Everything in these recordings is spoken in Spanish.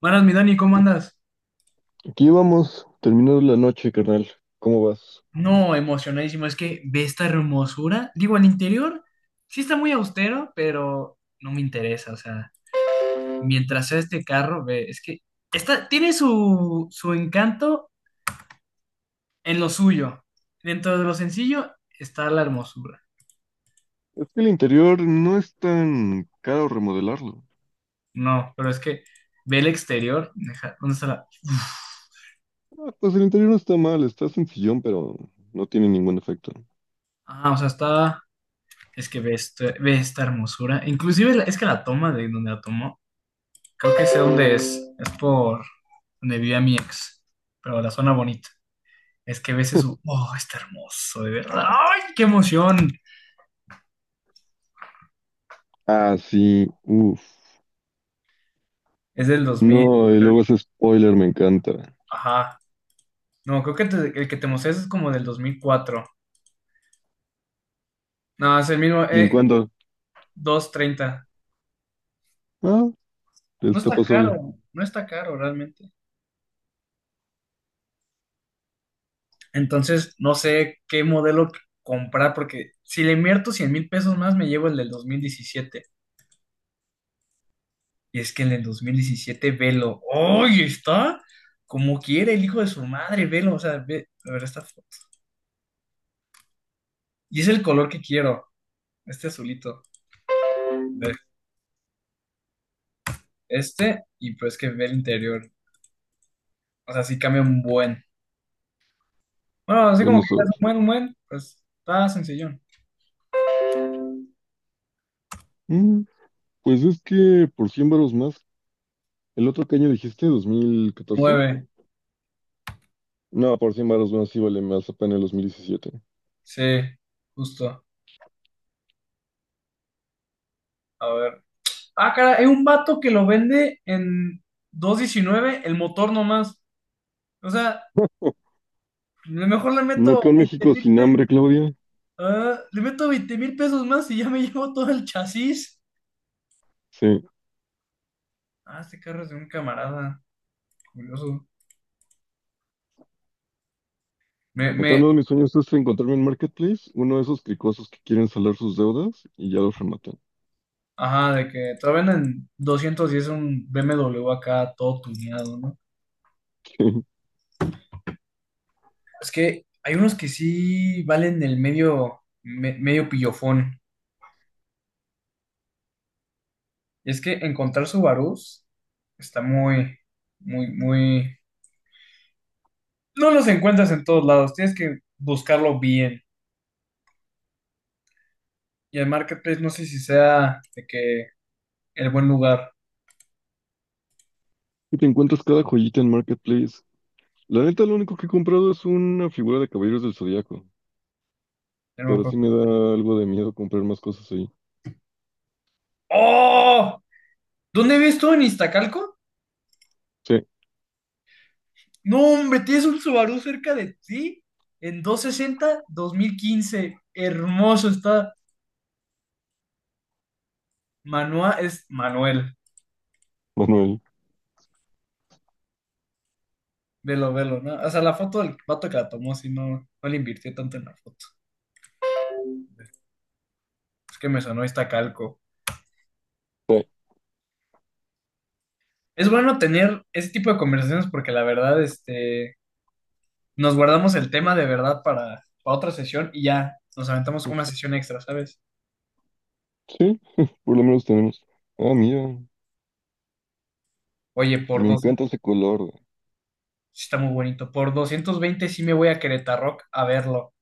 Buenas, mi Dani, ¿cómo andas? Aquí vamos, terminando la noche, carnal. ¿Cómo vas? No, emocionadísimo. Es que ve esta hermosura. Digo, el interior sí está muy austero, pero no me interesa. O sea, mientras sea este carro, ve, es que está, tiene su encanto en lo suyo. Dentro de lo sencillo está la hermosura. Es que el interior no es tan caro remodelarlo. No, pero es que ve el exterior. Deja, ¿dónde está la? Ah, pues el interior no está mal, está sencillón, pero no tiene ningún efecto. Ah, o sea, está. Es que ve, ve esta hermosura. Inclusive es que la toma de donde la tomó. Creo que sé dónde es. Es por donde vivía mi ex, pero la zona bonita. Es que ves su, oh, está hermoso, de verdad. ¡Ay, qué emoción! Ah, sí, uff. Es del 2000. No, y luego ese spoiler me encanta. Ajá. No, creo que el que te mostré es como del 2004. No, es el mismo, ¿Y en cuánto? 230. Ah, No está está pasable. caro, no está caro realmente. Entonces, no sé qué modelo comprar, porque si le invierto 100,000 pesos más, me llevo el del 2017. Y es que en el 2017, Velo, ¡ay! Está como quiere el hijo de su madre, Velo. O sea, ve, a ver esta foto. Y es el color que quiero, este azulito. Ve, este, y pues que ve el interior. O sea, sí cambia un buen. Bueno, así como que Vamos a es un ver. buen, un buen, pues está sencillón. Mm, pues es que por 100 varos más. ¿El otro que año dijiste? ¿2014? Nueve, No, por 100 varos más sí vale más apenas el 2017. sí, justo. A ver. Ah, cara, hay un vato que lo vende en 219, el motor nomás. O sea, a lo mejor le ¿No meto quedó en México sin 20. hambre, Claudia? Ah, le meto 20 mil pesos más y ya me llevo todo el chasis. Sí. Ah, este carro es de un camarada. Curioso. Me, Entonces, me, uno de mis sueños es encontrarme en Marketplace, uno de esos cricosos que quieren salar sus deudas y ya los rematan. ajá, de que te lo venden 210 un BMW acá todo tuneado, ¿no? Es que hay unos que sí valen el medio, medio pillofón. Y es que encontrar Subarús está muy, muy, muy. No los encuentras en todos lados, tienes que buscarlo bien. Y el marketplace no sé si sea de que el buen lugar. Y te encuentras cada joyita en Marketplace. La neta, lo único que he comprado es una figura de Caballeros del Zodiaco, Ya pero sí no. me da algo de miedo comprar más cosas ahí. ¡Oh! ¿Dónde ves tú en Iztacalco? Sí, No, hombre, tienes un Subaru cerca de ti. En 260, 2015. Hermoso está. Manuel es Manuel. Manuel. Velo, velo, ¿no? O sea, la foto del vato que la tomó, sí, no, no le invirtió tanto en la foto. Es que me sonó Iztacalco. Sí, Es bueno tener ese tipo de conversaciones porque la verdad, este, nos guardamos el tema de verdad para otra sesión y ya nos aventamos una sesión extra, ¿sabes? sí, por lo menos tenemos. Ah, mira, Oye, por me dos. encanta ese color, güey. Sí, está muy bonito. Por 220 sí me voy a Querétaro a verlo.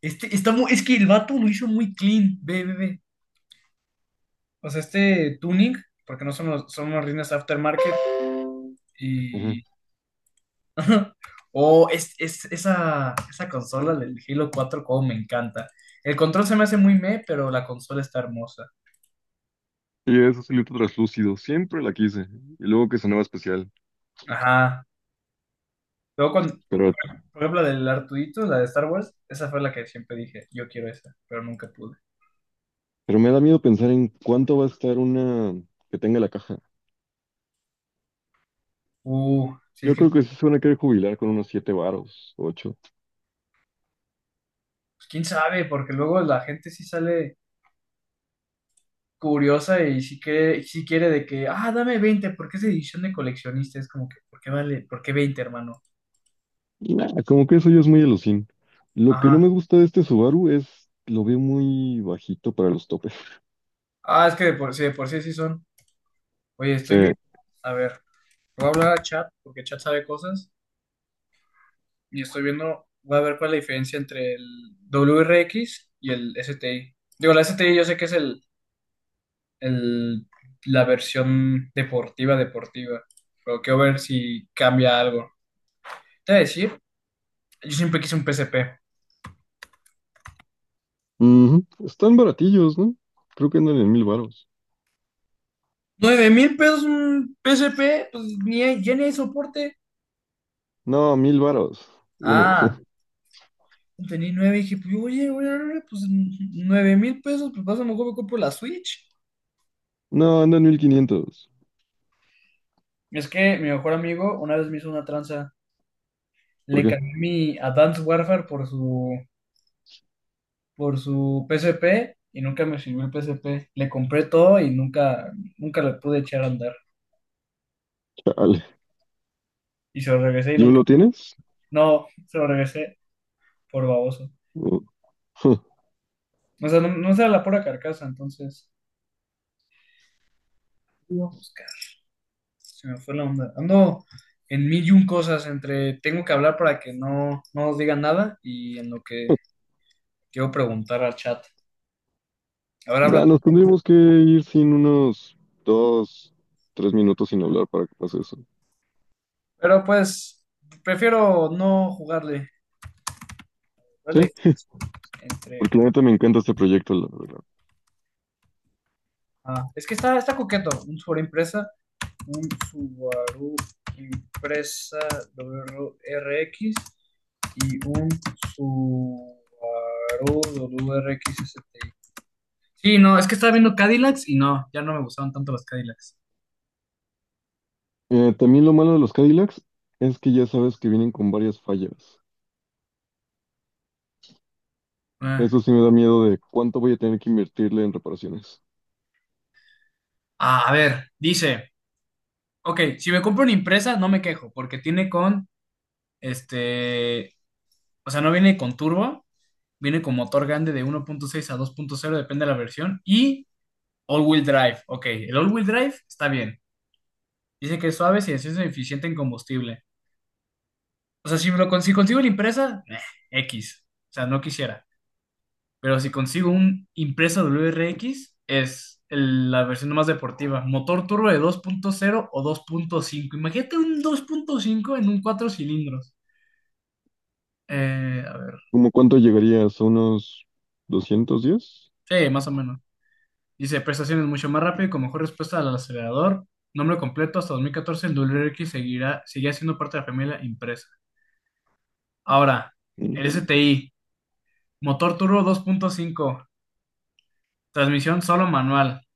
Este, está muy, es que el vato lo hizo muy clean. Ve, ve, ve. O sea, este tuning, porque no son, son unas rines aftermarket. Ajá. Y. O es- esa consola del Halo 4 como me encanta. El control se me hace muy meh, pero la consola está hermosa. Y ese silito translúcido, siempre la quise. Y luego que sonaba especial. Ajá. Luego, cuando, Pero, por ejemplo, la del Artudito, la de Star Wars, esa fue la que siempre dije: yo quiero esa, pero nunca pude. pero me da miedo pensar en cuánto va a estar una que tenga la caja. Sí es Yo que, creo pues, que sí se van a querer jubilar con unos siete varos, ocho. quién sabe, porque luego la gente sí sale curiosa y sí quiere de que, ah, dame 20 porque es edición de coleccionista. Es como que, ¿por qué vale? ¿Por qué veinte, hermano? Y nada, como que eso ya es muy alucín. Lo que no me Ajá. gusta de este Subaru es, lo veo muy bajito para los topes. Ah, es que de por sí sí son. Oye, Sí. estoy viendo, a ver, voy a hablar a Chat, porque Chat sabe cosas, y estoy viendo, voy a ver cuál es la diferencia entre el WRX y el STI. Digo, la STI yo sé que es el, la versión deportiva, deportiva, pero quiero ver si cambia algo. Te voy a decir, yo siempre quise un PSP. Ujú. Están baratillos, ¿no? Creo que andan en mil varos. Nueve mil pesos un PSP, pues ni hay- ya ni hay soporte. No, mil varos. Uno. Ah, tenía nueve y dije, pues oye, oye, oye, pues 9,000 pesos, pues pasa, mejor me compro la Switch. No, andan en mil quinientos. Es que mi mejor amigo una vez me hizo una tranza, ¿Por le qué? cambié mi Advanced Warfare por su P S P y nunca me sirvió el P S P. Le compré todo y nunca, nunca le pude echar a andar. Chale. Y se lo regresé y ¿Yo nunca, lo tienes? no, se lo regresé por baboso. No. O sea, no, no era la pura carcasa, entonces, iba a buscar. Se me fue la onda. Ando en mil y un cosas entre tengo que hablar para que no os digan nada y en lo que quiero preguntar al chat. A ver, habla Nah, nos tú. tendríamos que ir sin unos dos, tres minutos sin hablar para que pase eso. Pero pues, prefiero no jugarle. ¿Vale? Entre, Porque la neta me encanta este proyecto, la verdad. ah, es que está, está coqueto. Un Subaru impresa X y un Subaru W R X WRX STI. Sí, no, es que estaba viendo Cadillacs y no, ya no me gustaban tanto los Cadillacs. También lo malo de los Cadillacs es que ya sabes que vienen con varias fallas. Ah, Eso sí me da miedo de cuánto voy a tener que invertirle en reparaciones. a ver, dice, ok, si me compro una impresa no me quejo porque tiene con, este, o sea, no viene con turbo, viene con motor grande de 1.6 a 2.0, depende de la versión, y all-wheel drive, ok, el all-wheel drive está bien, dice que es suave si es eficiente en combustible. O sea, si consigo la impresa, X, o sea, no quisiera. Pero si consigo un impresa WRX, es la versión más deportiva. Motor turbo de 2.0 o 2.5. Imagínate un 2.5 en un 4 cilindros. A ver. ¿Cómo cuánto llegarías? ¿A unos 210? Sí, más o menos. Dice, prestaciones mucho más rápido y con mejor respuesta al acelerador. Nombre completo, hasta 2014 el WRX seguía siendo parte de la familia impresa. Ahora, Mm, el STI. Motor turbo 2.5. Transmisión solo manual.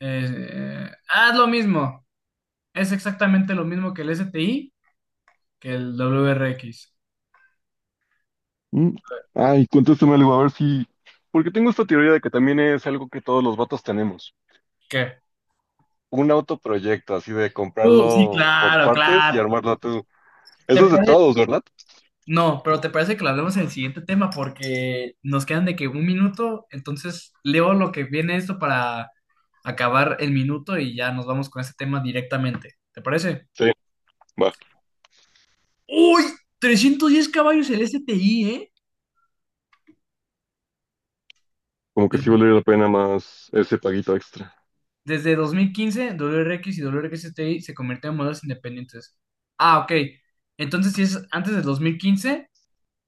Ah, es lo mismo. Es exactamente lo mismo que el S T I, que el W R X. mm. Ay, contéstame algo, a ver si... Porque tengo esta teoría de que también es algo que todos los vatos tenemos. ¿Qué? Un autoproyecto, así de Sí, comprarlo por claro, partes y claro. armarlo tú. ¿Te Eso es de pare- todos, ¿verdad? No, pero ¿te parece que lo hablemos en el siguiente tema? Porque nos quedan de que un minuto, entonces leo lo que viene esto para acabar el minuto y ya nos vamos con ese tema directamente. ¿Te parece? Sí, va. ¡Uy! 310 caballos el S T I, ¿eh? Como que sí Desde, valdría la pena más ese paguito extra. desde 2015, W R X y W R X S T I se convirtieron en modelos independientes. Ah, ok. Entonces, si es antes del 2015,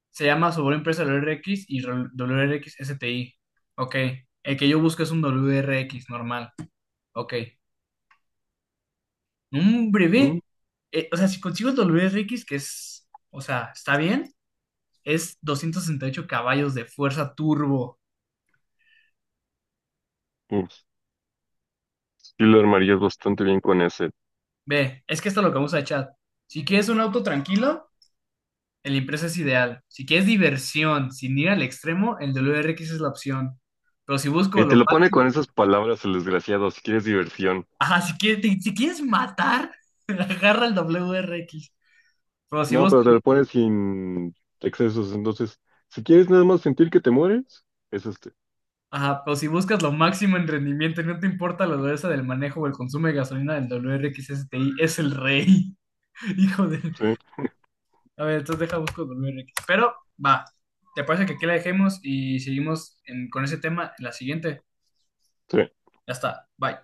se llama sobre empresa W R X y W R X S T I. Ok. El que yo busco es un W R X normal. Ok. Un Mm, breve. Eh, o sea, si consigo el W R X que es. O sea, está bien. Es 268 caballos de fuerza turbo. mm. Sí lo armarías bastante bien con ese. Ve, es que esto es lo que vamos a echar. Si quieres un auto tranquilo, el Impresa es ideal. Si quieres diversión, sin ir al extremo, el W R X es la opción. Pero si busco Y te lo lo pone máximo. con esas palabras el desgraciado, si quieres diversión. Ajá, si quieres, si quieres matar, agarra el W R X. Pero si No, pero buscas, te lo pone sin excesos. Entonces, si quieres nada más sentir que te mueres, es este. ajá, pero si buscas lo máximo en rendimiento y no te importa la dureza del manejo o el consumo de gasolina del WRX STI, es el rey. Hijo de. Sí, A ver, entonces deja busco el WRX. Pero va. ¿Te parece que aquí la dejemos y seguimos en- con ese tema en la siguiente? sí. Ya está. Bye.